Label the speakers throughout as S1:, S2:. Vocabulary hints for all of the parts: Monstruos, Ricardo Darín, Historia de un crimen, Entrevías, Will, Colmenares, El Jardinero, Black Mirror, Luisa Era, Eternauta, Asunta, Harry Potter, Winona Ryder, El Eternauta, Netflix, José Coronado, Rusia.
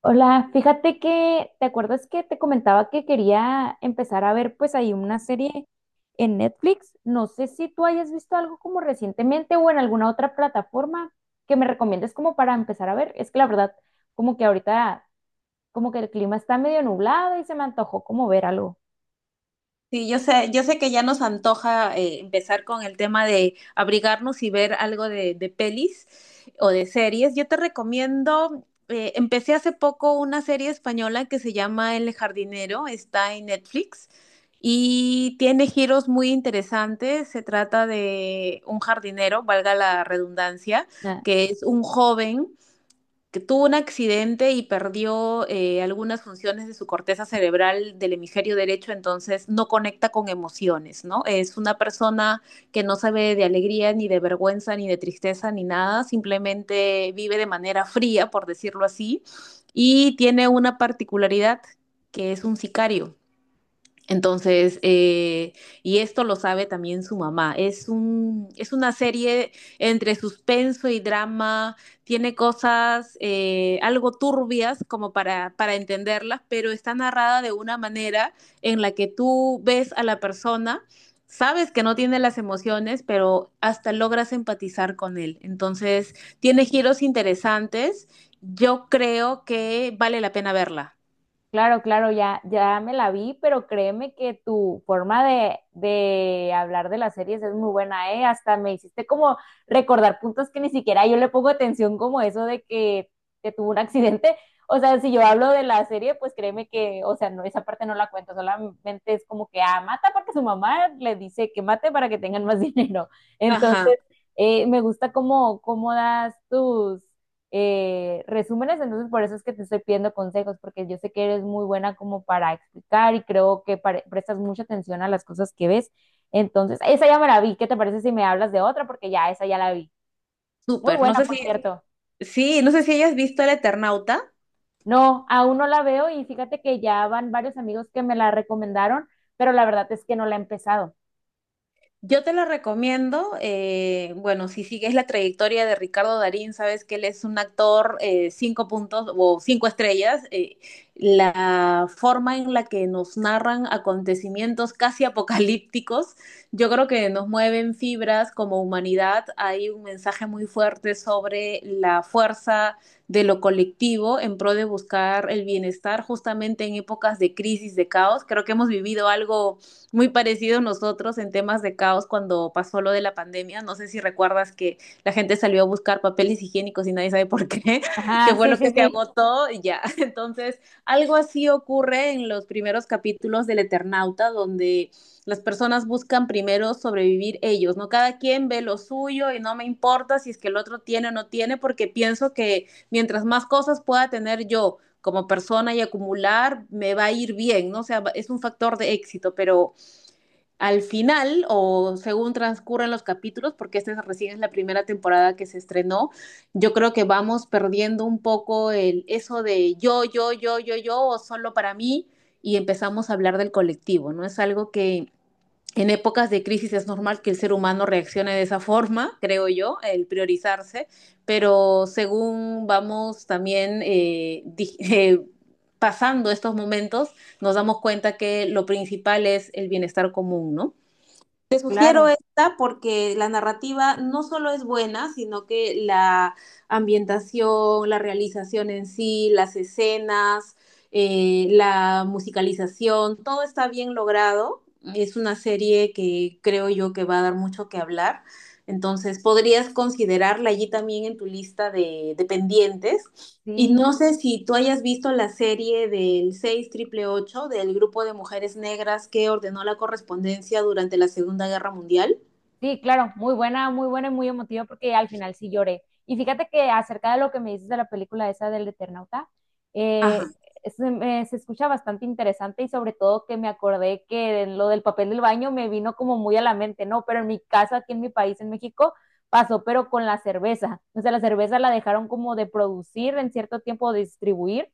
S1: Hola, fíjate que, ¿te acuerdas que te comentaba que quería empezar a ver pues ahí una serie en Netflix? No sé si tú hayas visto algo como recientemente o en alguna otra plataforma que me recomiendes como para empezar a ver. Es que la verdad, como que ahorita, como que el clima está medio nublado y se me antojó como ver algo.
S2: Sí, yo sé que ya nos antoja empezar con el tema de abrigarnos y ver algo de pelis o de series. Yo te recomiendo, empecé hace poco una serie española que se llama El Jardinero, está en Netflix y tiene giros muy interesantes. Se trata de un jardinero, valga la redundancia,
S1: Ah.
S2: que es un joven que tuvo un accidente y perdió algunas funciones de su corteza cerebral del hemisferio derecho, entonces no conecta con emociones, ¿no? Es una persona que no sabe de alegría, ni de vergüenza, ni de tristeza, ni nada, simplemente vive de manera fría, por decirlo así, y tiene una particularidad que es un sicario. Entonces, y esto lo sabe también su mamá. Es una serie entre suspenso y drama. Tiene cosas algo turbias como para entenderlas, pero está narrada de una manera en la que tú ves a la persona, sabes que no tiene las emociones, pero hasta logras empatizar con él. Entonces, tiene giros interesantes. Yo creo que vale la pena verla.
S1: Claro, claro, ya me la vi, pero créeme que tu forma de hablar de las series es muy buena, ¿eh? Hasta me hiciste como recordar puntos que ni siquiera yo le pongo atención, como eso de que tuvo un accidente. O sea, si yo hablo de la serie, pues créeme que, o sea, no, esa parte no la cuento, solamente es como que, ah, mata porque su mamá le dice que mate para que tengan más dinero.
S2: Ajá.
S1: Entonces, me gusta cómo, cómo das tus resúmenes, entonces por eso es que te estoy pidiendo consejos, porque yo sé que eres muy buena como para explicar y creo que pare- prestas mucha atención a las cosas que ves. Entonces, esa ya me la vi. ¿Qué te parece si me hablas de otra? Porque ya esa ya la vi. Muy
S2: Súper.
S1: buena,
S2: No sé
S1: por
S2: si
S1: cierto.
S2: Sí, no sé si hayas visto El Eternauta.
S1: No, aún no la veo y fíjate que ya van varios amigos que me la recomendaron, pero la verdad es que no la he empezado.
S2: Yo te la recomiendo. Bueno, si sigues la trayectoria de Ricardo Darín, sabes que él es un actor cinco puntos o cinco estrellas. La forma en la que nos narran acontecimientos casi apocalípticos, yo creo que nos mueven fibras como humanidad. Hay un mensaje muy fuerte sobre la fuerza de lo colectivo en pro de buscar el bienestar justamente en épocas de crisis, de caos. Creo que hemos vivido algo muy parecido a nosotros en temas de caos cuando pasó lo de la pandemia. No sé si recuerdas que la gente salió a buscar papeles higiénicos y nadie sabe por qué, que
S1: Ajá,
S2: fue
S1: sí,
S2: lo que
S1: sí,
S2: se
S1: sí,
S2: agotó y ya. Entonces, algo así ocurre en los primeros capítulos del Eternauta, donde las personas buscan primero sobrevivir ellos, ¿no? Cada quien ve lo suyo y no me importa si es que el otro tiene o no tiene, porque pienso que mientras más cosas pueda tener yo como persona y acumular, me va a ir bien, ¿no? O sea, es un factor de éxito, pero al final, o según transcurren los capítulos, porque recién es la primera temporada que se estrenó, yo creo que vamos perdiendo un poco el eso de yo, yo, yo, yo, yo, o solo para mí, y empezamos a hablar del colectivo, ¿no? Es algo que en épocas de crisis es normal que el ser humano reaccione de esa forma, creo yo, el priorizarse, pero según vamos también pasando estos momentos, nos damos cuenta que lo principal es el bienestar común, ¿no? Te sugiero
S1: claro,
S2: esta porque la narrativa no solo es buena, sino que la ambientación, la realización en sí, las escenas, la musicalización, todo está bien logrado. Es una serie que creo yo que va a dar mucho que hablar. Entonces, podrías considerarla allí también en tu lista de pendientes y
S1: sí.
S2: no sé si tú hayas visto la serie del 6888 del grupo de mujeres negras que ordenó la correspondencia durante la Segunda Guerra Mundial.
S1: Sí, claro, muy buena y muy emotiva porque al final sí lloré. Y fíjate que acerca de lo que me dices de la película esa del Eternauta,
S2: Ajá.
S1: eh, se, me- se escucha bastante interesante y sobre todo que me acordé que en lo del papel del baño me vino como muy a la mente, ¿no? Pero en mi casa, aquí en mi país, en México, pasó, pero con la cerveza. O sea, la cerveza la dejaron como de producir en cierto tiempo, de distribuir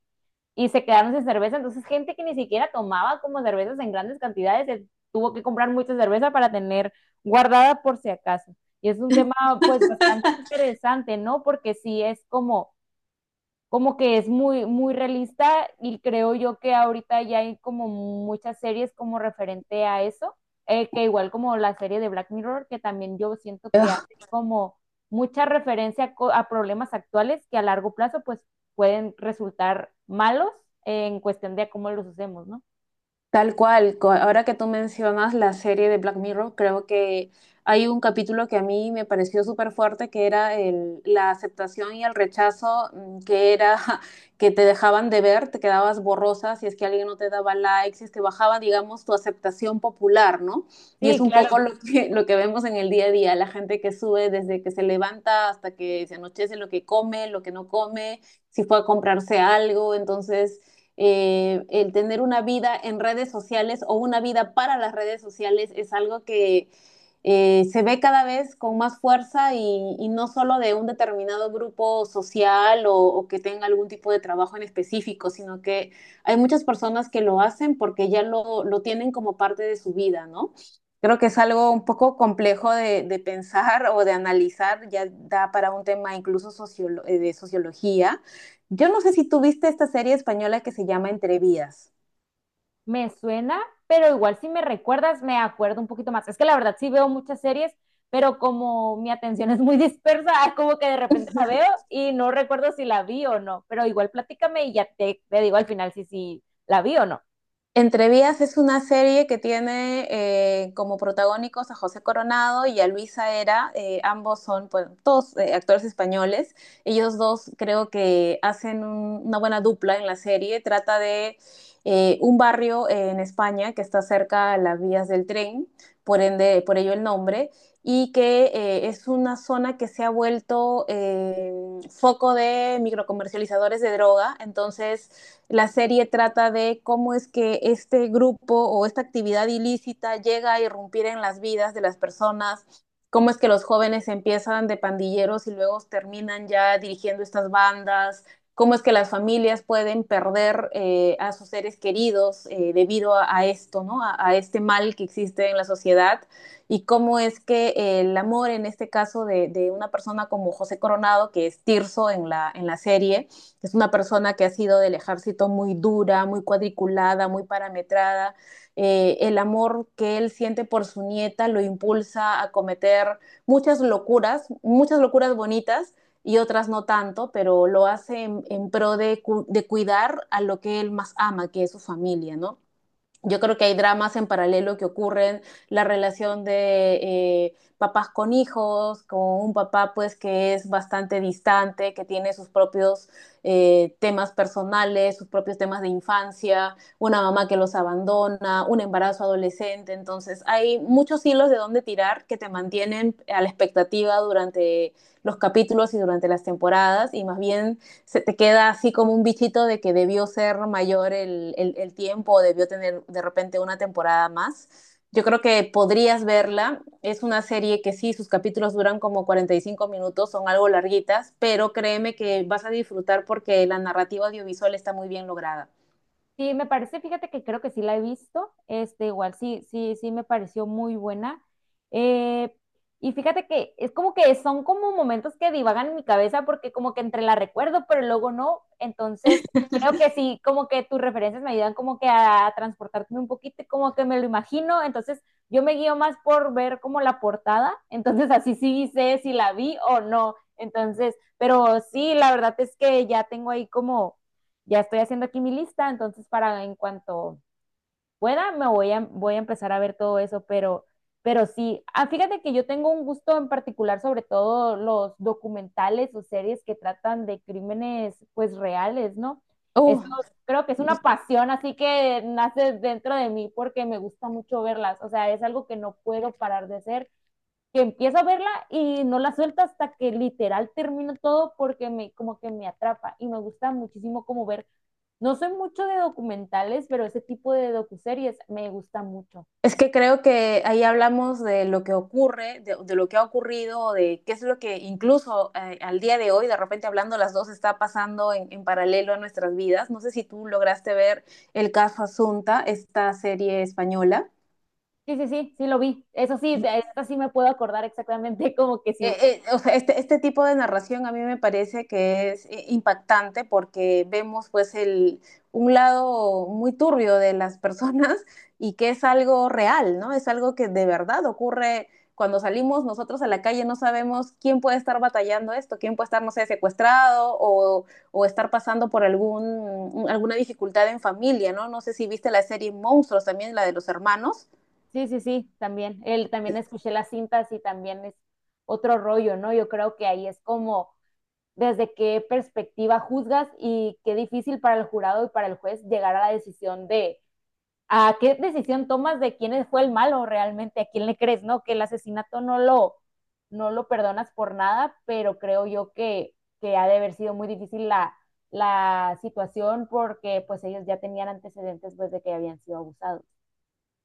S1: y se quedaron sin cerveza. Entonces, gente que ni siquiera tomaba como cervezas en grandes cantidades, se tuvo que comprar mucha cerveza para tener guardada por si acaso. Y es un tema pues bastante interesante, ¿no? Porque sí es como que es muy, muy realista y creo yo que ahorita ya hay como muchas series como referente a eso, que igual como la serie de Black Mirror, que también yo siento que hace como mucha referencia a, co- a problemas actuales que a largo plazo pues pueden resultar malos en cuestión de a cómo los usemos, ¿no?
S2: Tal cual, ahora que tú mencionas la serie de Black Mirror, creo que hay un capítulo que a mí me pareció súper fuerte, que era la aceptación y el rechazo, que era que te dejaban de ver, te quedabas borrosa si es que alguien no te daba likes, si es que bajaba, digamos, tu aceptación popular, ¿no? Y es
S1: Sí,
S2: un
S1: claro.
S2: poco lo que vemos en el día a día, la gente que sube desde que se levanta hasta que se anochece, lo que come, lo que no come, si fue a comprarse algo, entonces el tener una vida en redes sociales o una vida para las redes sociales es algo que se ve cada vez con más fuerza y no solo de un determinado grupo social o que tenga algún tipo de trabajo en específico, sino que hay muchas personas que lo hacen porque ya lo tienen como parte de su vida, ¿no? Creo que es algo un poco complejo de pensar o de analizar, ya da para un tema incluso sociolo de sociología, yo no sé si tú viste esta serie española que se llama Entrevías.
S1: Me suena, pero igual si me recuerdas, me acuerdo un poquito más. Es que la verdad sí veo muchas series, pero como mi atención es muy dispersa, como que de repente la veo y no recuerdo si la vi o no. Pero igual platícame y ya te digo al final si, si la vi o no.
S2: Entre Vías es una serie que tiene como protagónicos a José Coronado y a Luisa Era. Ambos son, pues, todos actores españoles. Ellos dos creo que hacen una buena dupla en la serie. Trata de un barrio en España que está cerca a las vías del tren, por ende, por ello el nombre, y que es una zona que se ha vuelto foco de microcomercializadores de droga. Entonces, la serie trata de cómo es que este grupo o esta actividad ilícita llega a irrumpir en las vidas de las personas, cómo es que los jóvenes empiezan de pandilleros y luego terminan ya dirigiendo estas bandas, cómo es que las familias pueden perder a sus seres queridos debido a esto, ¿no? A este mal que existe en la sociedad y cómo es que el amor, en este caso de una persona como José Coronado, que es Tirso en en la serie, es una persona que ha sido del ejército muy dura, muy cuadriculada, muy parametrada. El amor que él siente por su nieta lo impulsa a cometer muchas locuras bonitas y otras no tanto, pero lo hace en pro de cuidar a lo que él más ama, que es su familia, ¿no? Yo creo que hay dramas en paralelo que ocurren, la relación de papás con hijos, con un papá pues que es bastante distante, que tiene sus propios temas personales, sus propios temas de infancia, una mamá que los abandona, un embarazo adolescente. Entonces hay muchos hilos de dónde tirar que te mantienen a la expectativa durante los capítulos y durante las temporadas y más bien se te queda así como un bichito de que debió ser mayor el tiempo o debió tener de repente una temporada más. Yo creo que podrías verla. Es una serie que sí, sus capítulos duran como 45 minutos, son algo larguitas, pero créeme que vas a disfrutar porque la narrativa audiovisual está muy bien lograda.
S1: Sí, me parece, fíjate que creo que sí la he visto, este, igual sí, sí, sí me pareció muy buena. Eh, y fíjate que es como que son como momentos que divagan en mi cabeza porque como que entre la recuerdo, pero luego no. Entonces, creo que sí, como que tus referencias me ayudan como que a transportarme un poquito y como que me lo imagino. Entonces, yo me guío más por ver como la portada, entonces así sí sé si la vi o no. Entonces, pero sí, la verdad es que ya tengo ahí como ya estoy haciendo aquí mi lista, entonces para en cuanto pueda me voy voy a empezar a ver todo eso, pero sí, ah, fíjate que yo tengo un gusto en particular sobre todo los documentales o series que tratan de crímenes pues reales, ¿no? Eso
S2: Uh,
S1: creo que es una pasión, así que nace dentro de mí porque me gusta mucho verlas, o sea, es algo que no puedo parar de hacer que empiezo a verla y no la suelta hasta que literal termino todo porque me como que me atrapa y me gusta muchísimo como ver, no soy mucho de documentales, pero ese tipo de docuseries me gusta mucho.
S2: Es que creo que ahí hablamos de lo que ocurre, de lo que ha ocurrido, de qué es lo que incluso al día de hoy, de repente hablando las dos, está pasando en paralelo a nuestras vidas. No sé si tú lograste ver el caso Asunta, esta serie española.
S1: Sí, sí, sí, sí lo vi. Eso sí, te- esta sí me puedo acordar exactamente como que sí.
S2: O sea, este tipo de narración a mí me parece que es impactante porque vemos pues un lado muy turbio de las personas y que es algo real, ¿no? Es algo que de verdad ocurre cuando salimos nosotros a la calle, no sabemos quién puede estar batallando esto, quién puede estar, no sé, secuestrado o estar pasando por alguna dificultad en familia, ¿no? No sé si viste la serie Monstruos también, la de los hermanos.
S1: Sí, sí, sí, también. Él también escuché las cintas y también es otro rollo, ¿no? Yo creo que ahí es como desde qué perspectiva juzgas y qué difícil para el jurado y para el juez llegar a la decisión de a qué decisión tomas de quién fue el malo realmente, a quién le crees, ¿no? Que el asesinato no lo perdonas por nada, pero creo yo que ha de haber sido muy difícil la situación porque pues ellos ya tenían antecedentes pues de que habían sido abusados.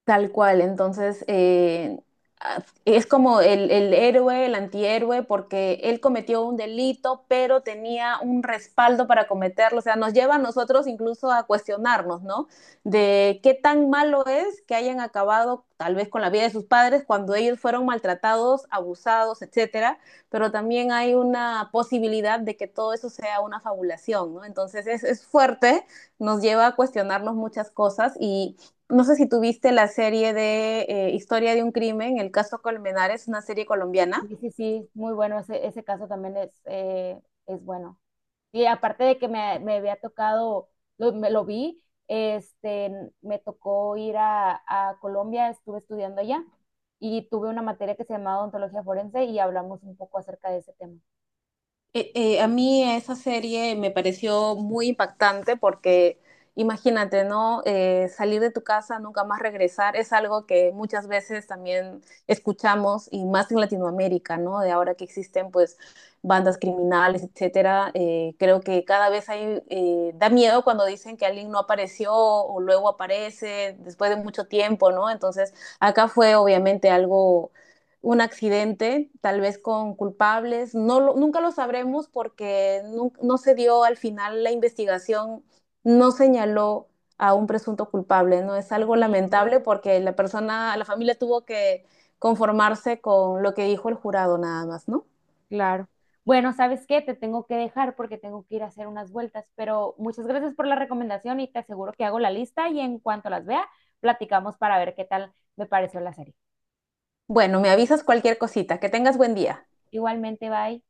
S2: Tal cual, entonces ah, es como el héroe, el antihéroe, porque él cometió un delito, pero tenía un respaldo para cometerlo. O sea, nos lleva a nosotros incluso a cuestionarnos, ¿no? De qué tan malo es que hayan acabado tal vez con la vida de sus padres cuando ellos fueron maltratados, abusados, etcétera. Pero también hay una posibilidad de que todo eso sea una fabulación, ¿no? Entonces es fuerte, nos lleva a cuestionarnos muchas cosas y no sé si tuviste la serie de Historia de un crimen, el caso Colmenares, una serie colombiana.
S1: Sí, sí, sí, muy bueno, ese caso también es bueno. Y aparte de que me había tocado, lo, me lo vi, este, me tocó ir a Colombia, estuve estudiando allá y tuve una materia que se llamaba odontología forense y hablamos un poco acerca de ese tema.
S2: A mí esa serie me pareció muy impactante porque imagínate, ¿no? Salir de tu casa, nunca más regresar, es algo que muchas veces también escuchamos y más en Latinoamérica, ¿no? De ahora que existen pues bandas criminales, etcétera, creo que cada vez hay, da miedo cuando dicen que alguien no apareció o luego aparece después de mucho tiempo, ¿no? Entonces acá fue obviamente algo un accidente, tal vez con culpables. Nunca lo sabremos porque no se dio al final la investigación, no señaló a un presunto culpable, ¿no? Es algo
S1: Sí, no,
S2: lamentable porque la persona, la familia tuvo que conformarse con lo que dijo el jurado nada más, ¿no?
S1: claro. Bueno, ¿sabes qué? Te tengo que dejar porque tengo que ir a hacer unas vueltas, pero muchas gracias por la recomendación y te aseguro que hago la lista y en cuanto las vea, platicamos para ver qué tal me pareció la serie.
S2: Bueno, me avisas cualquier cosita. Que tengas buen día.
S1: Igualmente, bye.